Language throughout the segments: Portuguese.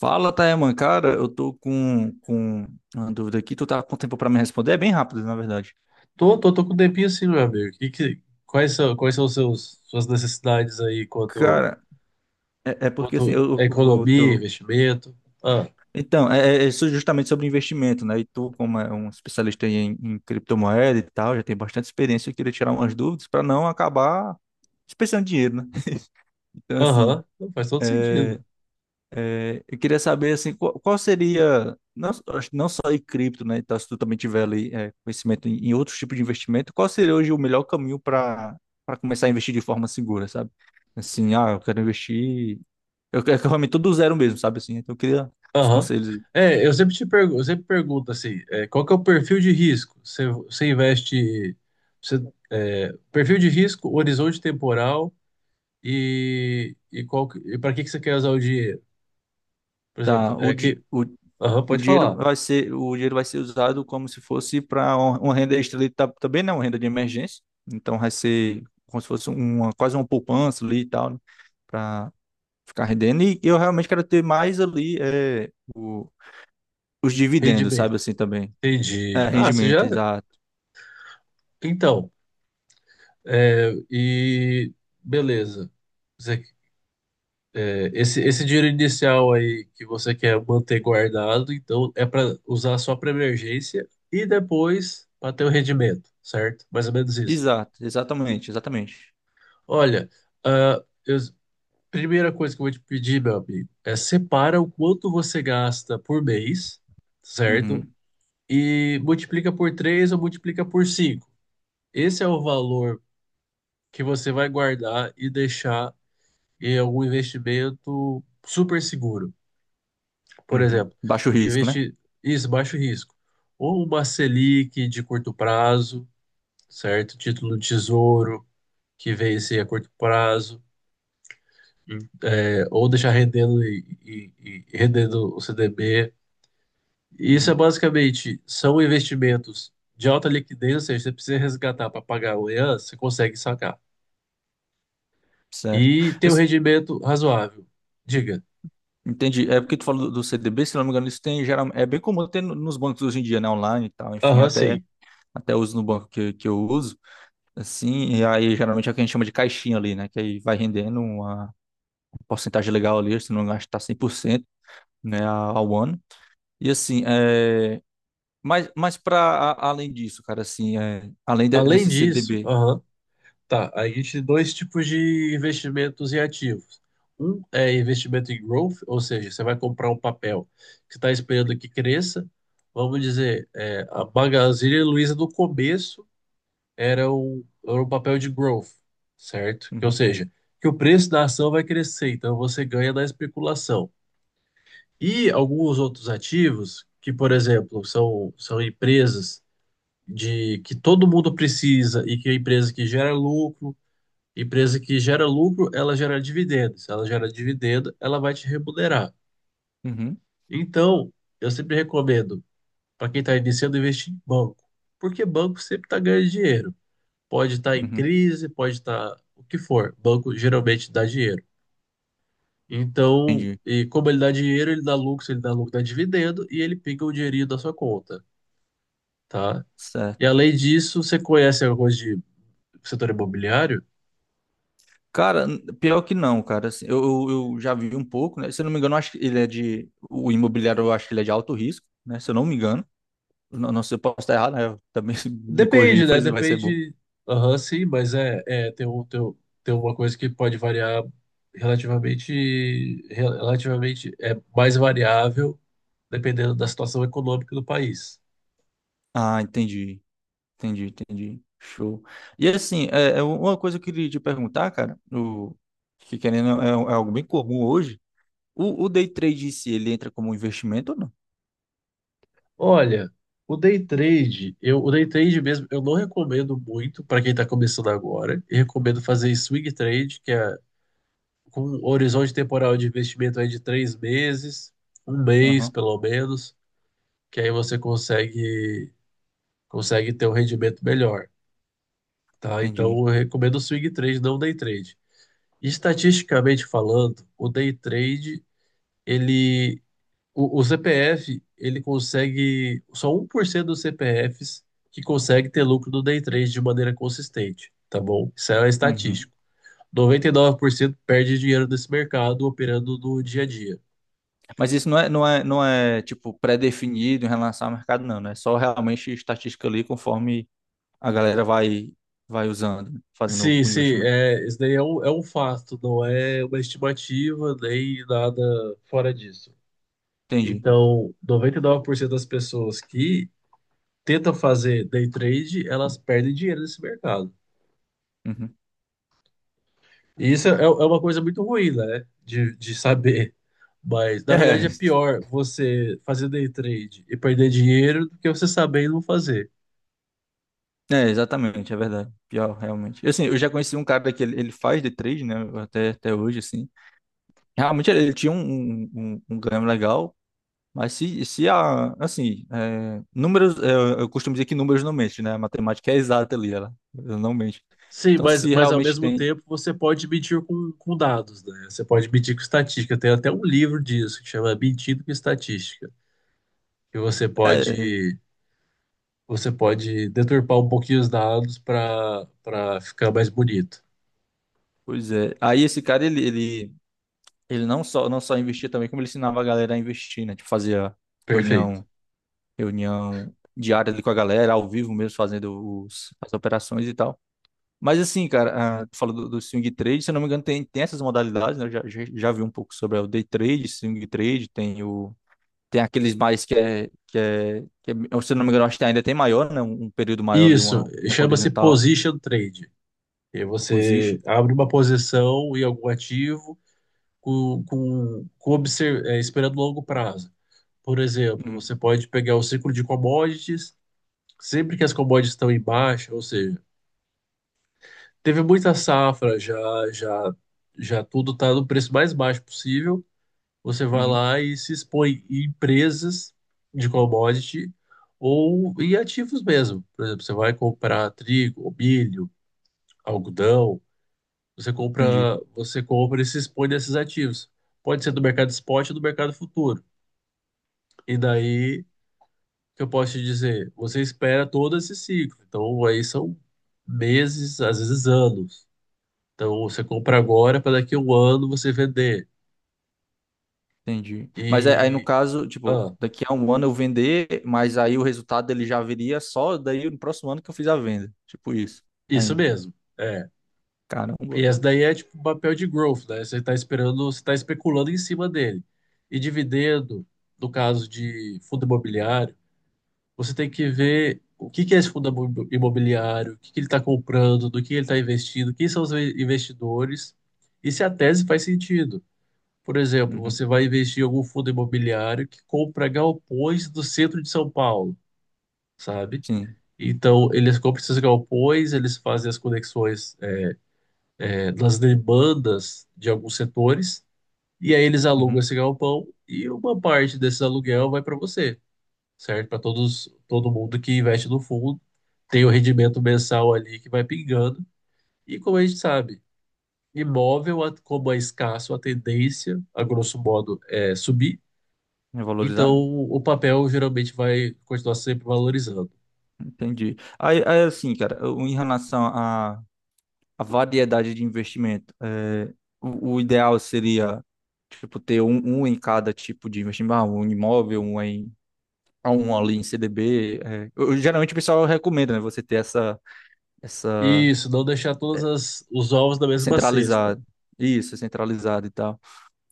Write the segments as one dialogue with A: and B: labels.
A: Fala, Taeman, cara, eu tô com uma dúvida aqui, tu tá com tempo pra me responder? É bem rápido, na verdade.
B: Tô com um tempinho assim, meu amigo. Quais são suas necessidades aí quanto,
A: Cara, é porque assim,
B: quanto
A: eu,
B: à
A: eu- eu
B: economia,
A: tô...
B: investimento? Ah,
A: Então, é isso justamente sobre investimento, né? E tu, como é um especialista em criptomoeda e tal, já tem bastante experiência, eu queria tirar umas dúvidas pra não acabar desperdiçando dinheiro, né? Então, assim,
B: aham, não, faz todo sentido.
A: é, eu queria saber assim, qual seria, não, acho que não só em cripto, né? Então, se tu também tiver ali conhecimento em outros tipos de investimento, qual seria hoje o melhor caminho para começar a investir de forma segura, sabe? Assim, ah, eu quero investir, eu realmente tudo do zero mesmo, sabe assim? Então, eu queria os
B: Aham.
A: conselhos, aí.
B: É, eu sempre pergunto assim, qual que é o perfil de risco? Você investe, você, perfil de risco, horizonte temporal e qual, e para que que você quer usar o dinheiro? Por exemplo,
A: Tá, o,
B: é
A: di-
B: que,
A: o,
B: aham,
A: o
B: pode falar,
A: o dinheiro vai ser usado como se fosse para uma renda extra ali, tá, também, né? Uma renda de emergência. Então, vai ser como se fosse uma quase uma poupança ali e tal, né? Ficar rendendo. E eu realmente quero ter mais ali os dividendos, sabe
B: rendimento.
A: assim também.
B: Entendi.
A: É,
B: Ah, você
A: rendimento,
B: já,
A: exato.
B: então... É, e beleza. Você- esse dinheiro inicial aí que você quer manter guardado, então é para usar só para emergência e depois para ter o rendimento, certo? Mais ou menos isso.
A: Exato, exatamente, exatamente.
B: Olha, a primeira coisa que eu vou te pedir, meu amigo, é separa o quanto você gasta por mês, certo?
A: Uhum,
B: E multiplica por 3 ou multiplica por 5. Esse é o valor que você vai guardar e deixar e algum investimento super seguro. Por
A: uhum.
B: exemplo,
A: Baixo risco, né?
B: investir isso, baixo risco. Ou uma Selic de curto prazo, certo? Título do Tesouro que vence a curto prazo, ou deixar rendendo e rendendo o CDB. Isso é
A: Uhum,
B: basicamente, são investimentos de alta liquidez, ou seja, você precisa resgatar para pagar amanhã, você consegue sacar.
A: certo.
B: E
A: Eu
B: tem um
A: s-
B: rendimento razoável. Diga.
A: entendi. É porque tu falou do CDB, se não me engano, isso tem geral, é bem comum ter nos bancos hoje em dia, né? Online e tal, enfim,
B: Aham,
A: até,
B: sim.
A: até uso no banco que eu uso. Assim, e aí geralmente é o que a gente chama de caixinha ali, né? Que aí vai rendendo uma porcentagem legal ali, se não gastar 100%, né, ao ano. E assim, mas para além disso, cara, assim, além
B: Além
A: desse
B: disso,
A: CDB.
B: aham, tá, a gente tem dois tipos de investimentos em ativos. Um é investimento em growth, ou seja, você vai comprar um papel que está esperando que cresça. Vamos dizer, a Magazine Luiza no começo era um papel de growth, certo? Que, ou
A: Uhum,
B: seja, que o preço da ação vai crescer, então você ganha na especulação. E alguns outros ativos, que, por exemplo, são empresas de que todo mundo precisa e que é empresa que gera lucro. Empresa que gera lucro, ela gera dividendo. Se ela gera dividendo, ela vai te remunerar.
A: uhum,
B: Então, eu sempre recomendo para quem está iniciando investir em banco, porque banco sempre está ganhando dinheiro. Pode estar em
A: uhum,
B: crise, pode estar o que for. Banco geralmente dá dinheiro. Então,
A: entendi.
B: e como ele dá dinheiro, ele dá lucro, dá dividendo e ele pinga o dinheirinho da sua conta, tá?
A: Certo.
B: E além disso, você conhece alguma coisa de setor imobiliário?
A: Cara, pior que não, cara. Assim, eu já vi um pouco, né? Se eu não me engano, eu acho que ele é de. O imobiliário, eu acho que ele é de alto risco, né? Se eu não me engano. Não, não sei, eu posso estar errado, né? Eu também se me corrigir,
B: Depende, né?
A: pois vai ser bom.
B: Depende. Aham, sim, mas é tem uma coisa que pode variar relativamente, relativamente é mais variável dependendo da situação econômica do país.
A: Ah, entendi. Entendi, entendi. Show. E assim, é uma coisa que eu queria te perguntar, cara, que querendo é algo bem comum hoje. O day trade em si, ele entra como um investimento ou não?
B: Olha, o day trade mesmo, eu não recomendo muito para quem está começando agora. Eu recomendo fazer swing trade, que é com um horizonte temporal de investimento aí de 3 meses, um mês
A: Aham,
B: pelo menos, que aí você consegue ter um rendimento melhor, tá? Então
A: entendi.
B: eu recomendo o swing trade, não o day trade. Estatisticamente falando, o day trade, ele, o CPF, ele consegue, só 1% dos CPFs que consegue ter lucro no day trade de maneira consistente, tá bom? Isso é
A: Uhum.
B: estatístico. 99% perde dinheiro nesse mercado operando no dia a dia.
A: Mas isso não é tipo pré-definido em relação ao mercado, não, né? É só realmente estatística ali conforme a galera vai usando, fazendo
B: Sim,
A: o
B: sim,
A: investimento.
B: isso daí é um fato, não é uma estimativa nem nada fora disso.
A: Entendi.
B: Então, 99% das pessoas que tentam fazer day trade, elas perdem dinheiro nesse mercado.
A: Uhum.
B: E isso é uma coisa muito ruim, né, de saber. Mas, na verdade, é
A: É,
B: pior você fazer day trade e perder dinheiro do que você saber e não fazer.
A: É, exatamente, é verdade. Pior, realmente. Assim, eu já conheci um cara que ele faz de trade, né? Até hoje, assim. Realmente ele tinha um ganho legal, mas se a, assim, é, números, eu costumo dizer que números não mentem, né? A matemática é exata ali, ela não mente.
B: Sim,
A: Então,
B: mas,
A: se
B: mas ao
A: realmente
B: mesmo
A: tem,
B: tempo você pode medir com dados, né? Você pode medir com estatística. Tem até um livro disso que chama Mentindo com Estatística, que você
A: é,
B: pode você pode deturpar um pouquinho os dados para ficar mais bonito.
A: pois é. Aí esse cara, ele não só investia também, como ele ensinava a galera a investir, né? Tipo, fazia
B: Perfeito.
A: reunião, reunião diária ali com a galera, ao vivo mesmo, fazendo as operações e tal. Mas assim, cara, ah, tu falou do swing trade, se eu não me engano, tem essas modalidades, né? Eu já vi um pouco sobre o day trade, swing trade, tem o. Tem aqueles mais se eu não me engano, acho que ainda tem maior, né? Um período maior ali,
B: Isso
A: uma tempo
B: chama-se
A: horizontal,
B: position trade. E você
A: position.
B: abre uma posição em algum ativo esperando longo prazo. Por exemplo,
A: Uhum,
B: você pode pegar o ciclo de commodities sempre que as commodities estão em baixa, ou seja, teve muita safra, já, já, já tudo está no preço mais baixo possível, você vai
A: uhum,
B: lá e se expõe em empresas de commodity ou em ativos mesmo. Por exemplo, você vai comprar trigo, ou milho, algodão, você compra,
A: entendi,
B: você compra e se expõe nesses ativos. Pode ser do mercado spot ou do mercado futuro. E daí, o que eu posso te dizer? Você espera todo esse ciclo. Então, aí são meses, às vezes anos. Então você compra agora para daqui a um ano você vender.
A: entendi. Mas no
B: E.
A: caso, tipo,
B: Ah,
A: daqui a um ano eu vender, mas aí o resultado ele já viria só daí no próximo ano que eu fiz a venda. Tipo isso,
B: isso
A: ainda.
B: mesmo. É.
A: Caramba,
B: E essa
A: cara.
B: daí é tipo um papel de growth, né? Você está esperando, você está especulando em cima dele. E dividendo, no caso de fundo imobiliário, você tem que ver o que que é esse fundo imobiliário, o que que ele está comprando, do que ele está investindo, quem são os investidores e se a tese faz sentido. Por exemplo,
A: Uhum,
B: você vai investir em algum fundo imobiliário que compra galpões do centro de São Paulo, sabe?
A: sim.
B: Então, eles compram esses galpões, eles fazem as conexões, das demandas de alguns setores, e aí eles alugam
A: Uhum.
B: esse galpão e uma parte desse aluguel vai para você, certo? Para todos, todo mundo que investe no fundo, tem o rendimento mensal ali que vai pingando, e como a gente sabe, imóvel, como é escasso, a tendência, a grosso modo, é subir,
A: Revalorizar,
B: então
A: né?
B: o papel geralmente vai continuar sempre valorizando.
A: Entendi. Assim, cara, em relação à variedade de investimento, o ideal seria, tipo, ter um em cada tipo de investimento, ah, um imóvel, um ali em CDB. Geralmente o pessoal recomenda, né, você ter essa
B: Isso, não deixar todos os ovos na mesma cesta.
A: centralizada. Isso, centralizado e tal.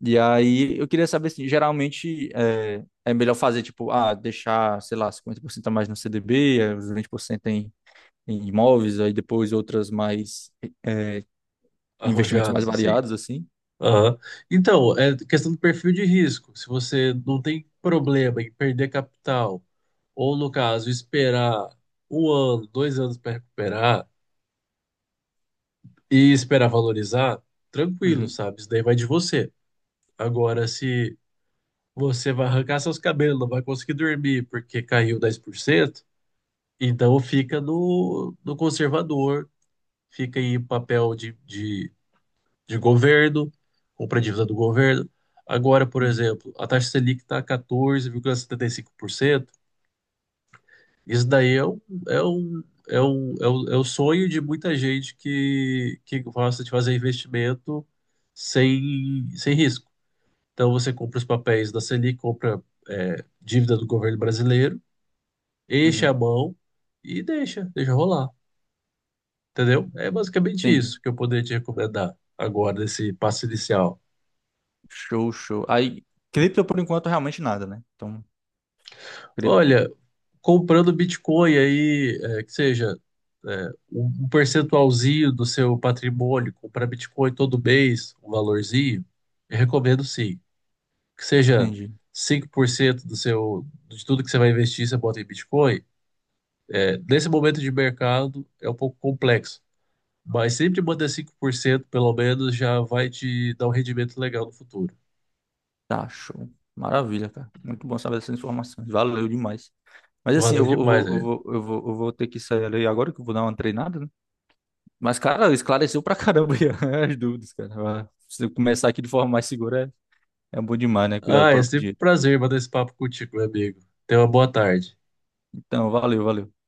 A: E aí, eu queria saber, assim, geralmente é melhor fazer, tipo, ah, deixar, sei lá, 50% a mais no CDB, os 20% em imóveis, aí depois outras mais investimentos mais
B: Arrojados, assim.
A: variados, assim.
B: Aham. Então, é questão do perfil de risco. Se você não tem problema em perder capital, ou no caso, esperar um ano, 2 anos para recuperar e esperar valorizar, tranquilo,
A: Uhum,
B: sabe? Isso daí vai de você. Agora, se você vai arrancar seus cabelos, não vai conseguir dormir porque caiu 10%, então fica no conservador, fica em papel de governo, compra dívida do governo. Agora, por
A: uhum,
B: exemplo, a taxa Selic está 14,75%. Isso daí é um, é o sonho de muita gente que, gosta de fazer investimento sem risco. Então, você compra os papéis da Selic, compra, dívida do governo brasileiro, enche a
A: uhum.
B: mão e deixa rolar. Entendeu? É basicamente
A: Entendi.
B: isso que eu poderia te recomendar agora, nesse passo inicial.
A: Show, show. Aí, cripto, por enquanto, realmente nada, né? Então, cri-
B: Olha, comprando Bitcoin aí, que seja, um percentualzinho do seu patrimônio, comprar Bitcoin todo mês, um valorzinho, eu recomendo sim. Que seja
A: entendi.
B: 5% de tudo que você vai investir, você bota em Bitcoin. É, nesse momento de mercado é um pouco complexo, mas sempre manter 5% pelo menos já vai te dar um rendimento legal no futuro.
A: Tá, show. Maravilha, cara. Muito bom saber essas informações. Valeu demais. Mas assim,
B: Valeu demais, velho.
A: eu vou ter que sair ali agora que eu vou dar uma treinada, né? Mas, cara, esclareceu pra caramba aí as dúvidas, cara. Ah, se eu começar aqui de forma mais segura, é bom demais, né? Cuidado do
B: Ah, é
A: próprio
B: sempre
A: dinheiro.
B: um prazer bater esse papo contigo, meu amigo. Tenha uma boa tarde.
A: Então, valeu, valeu.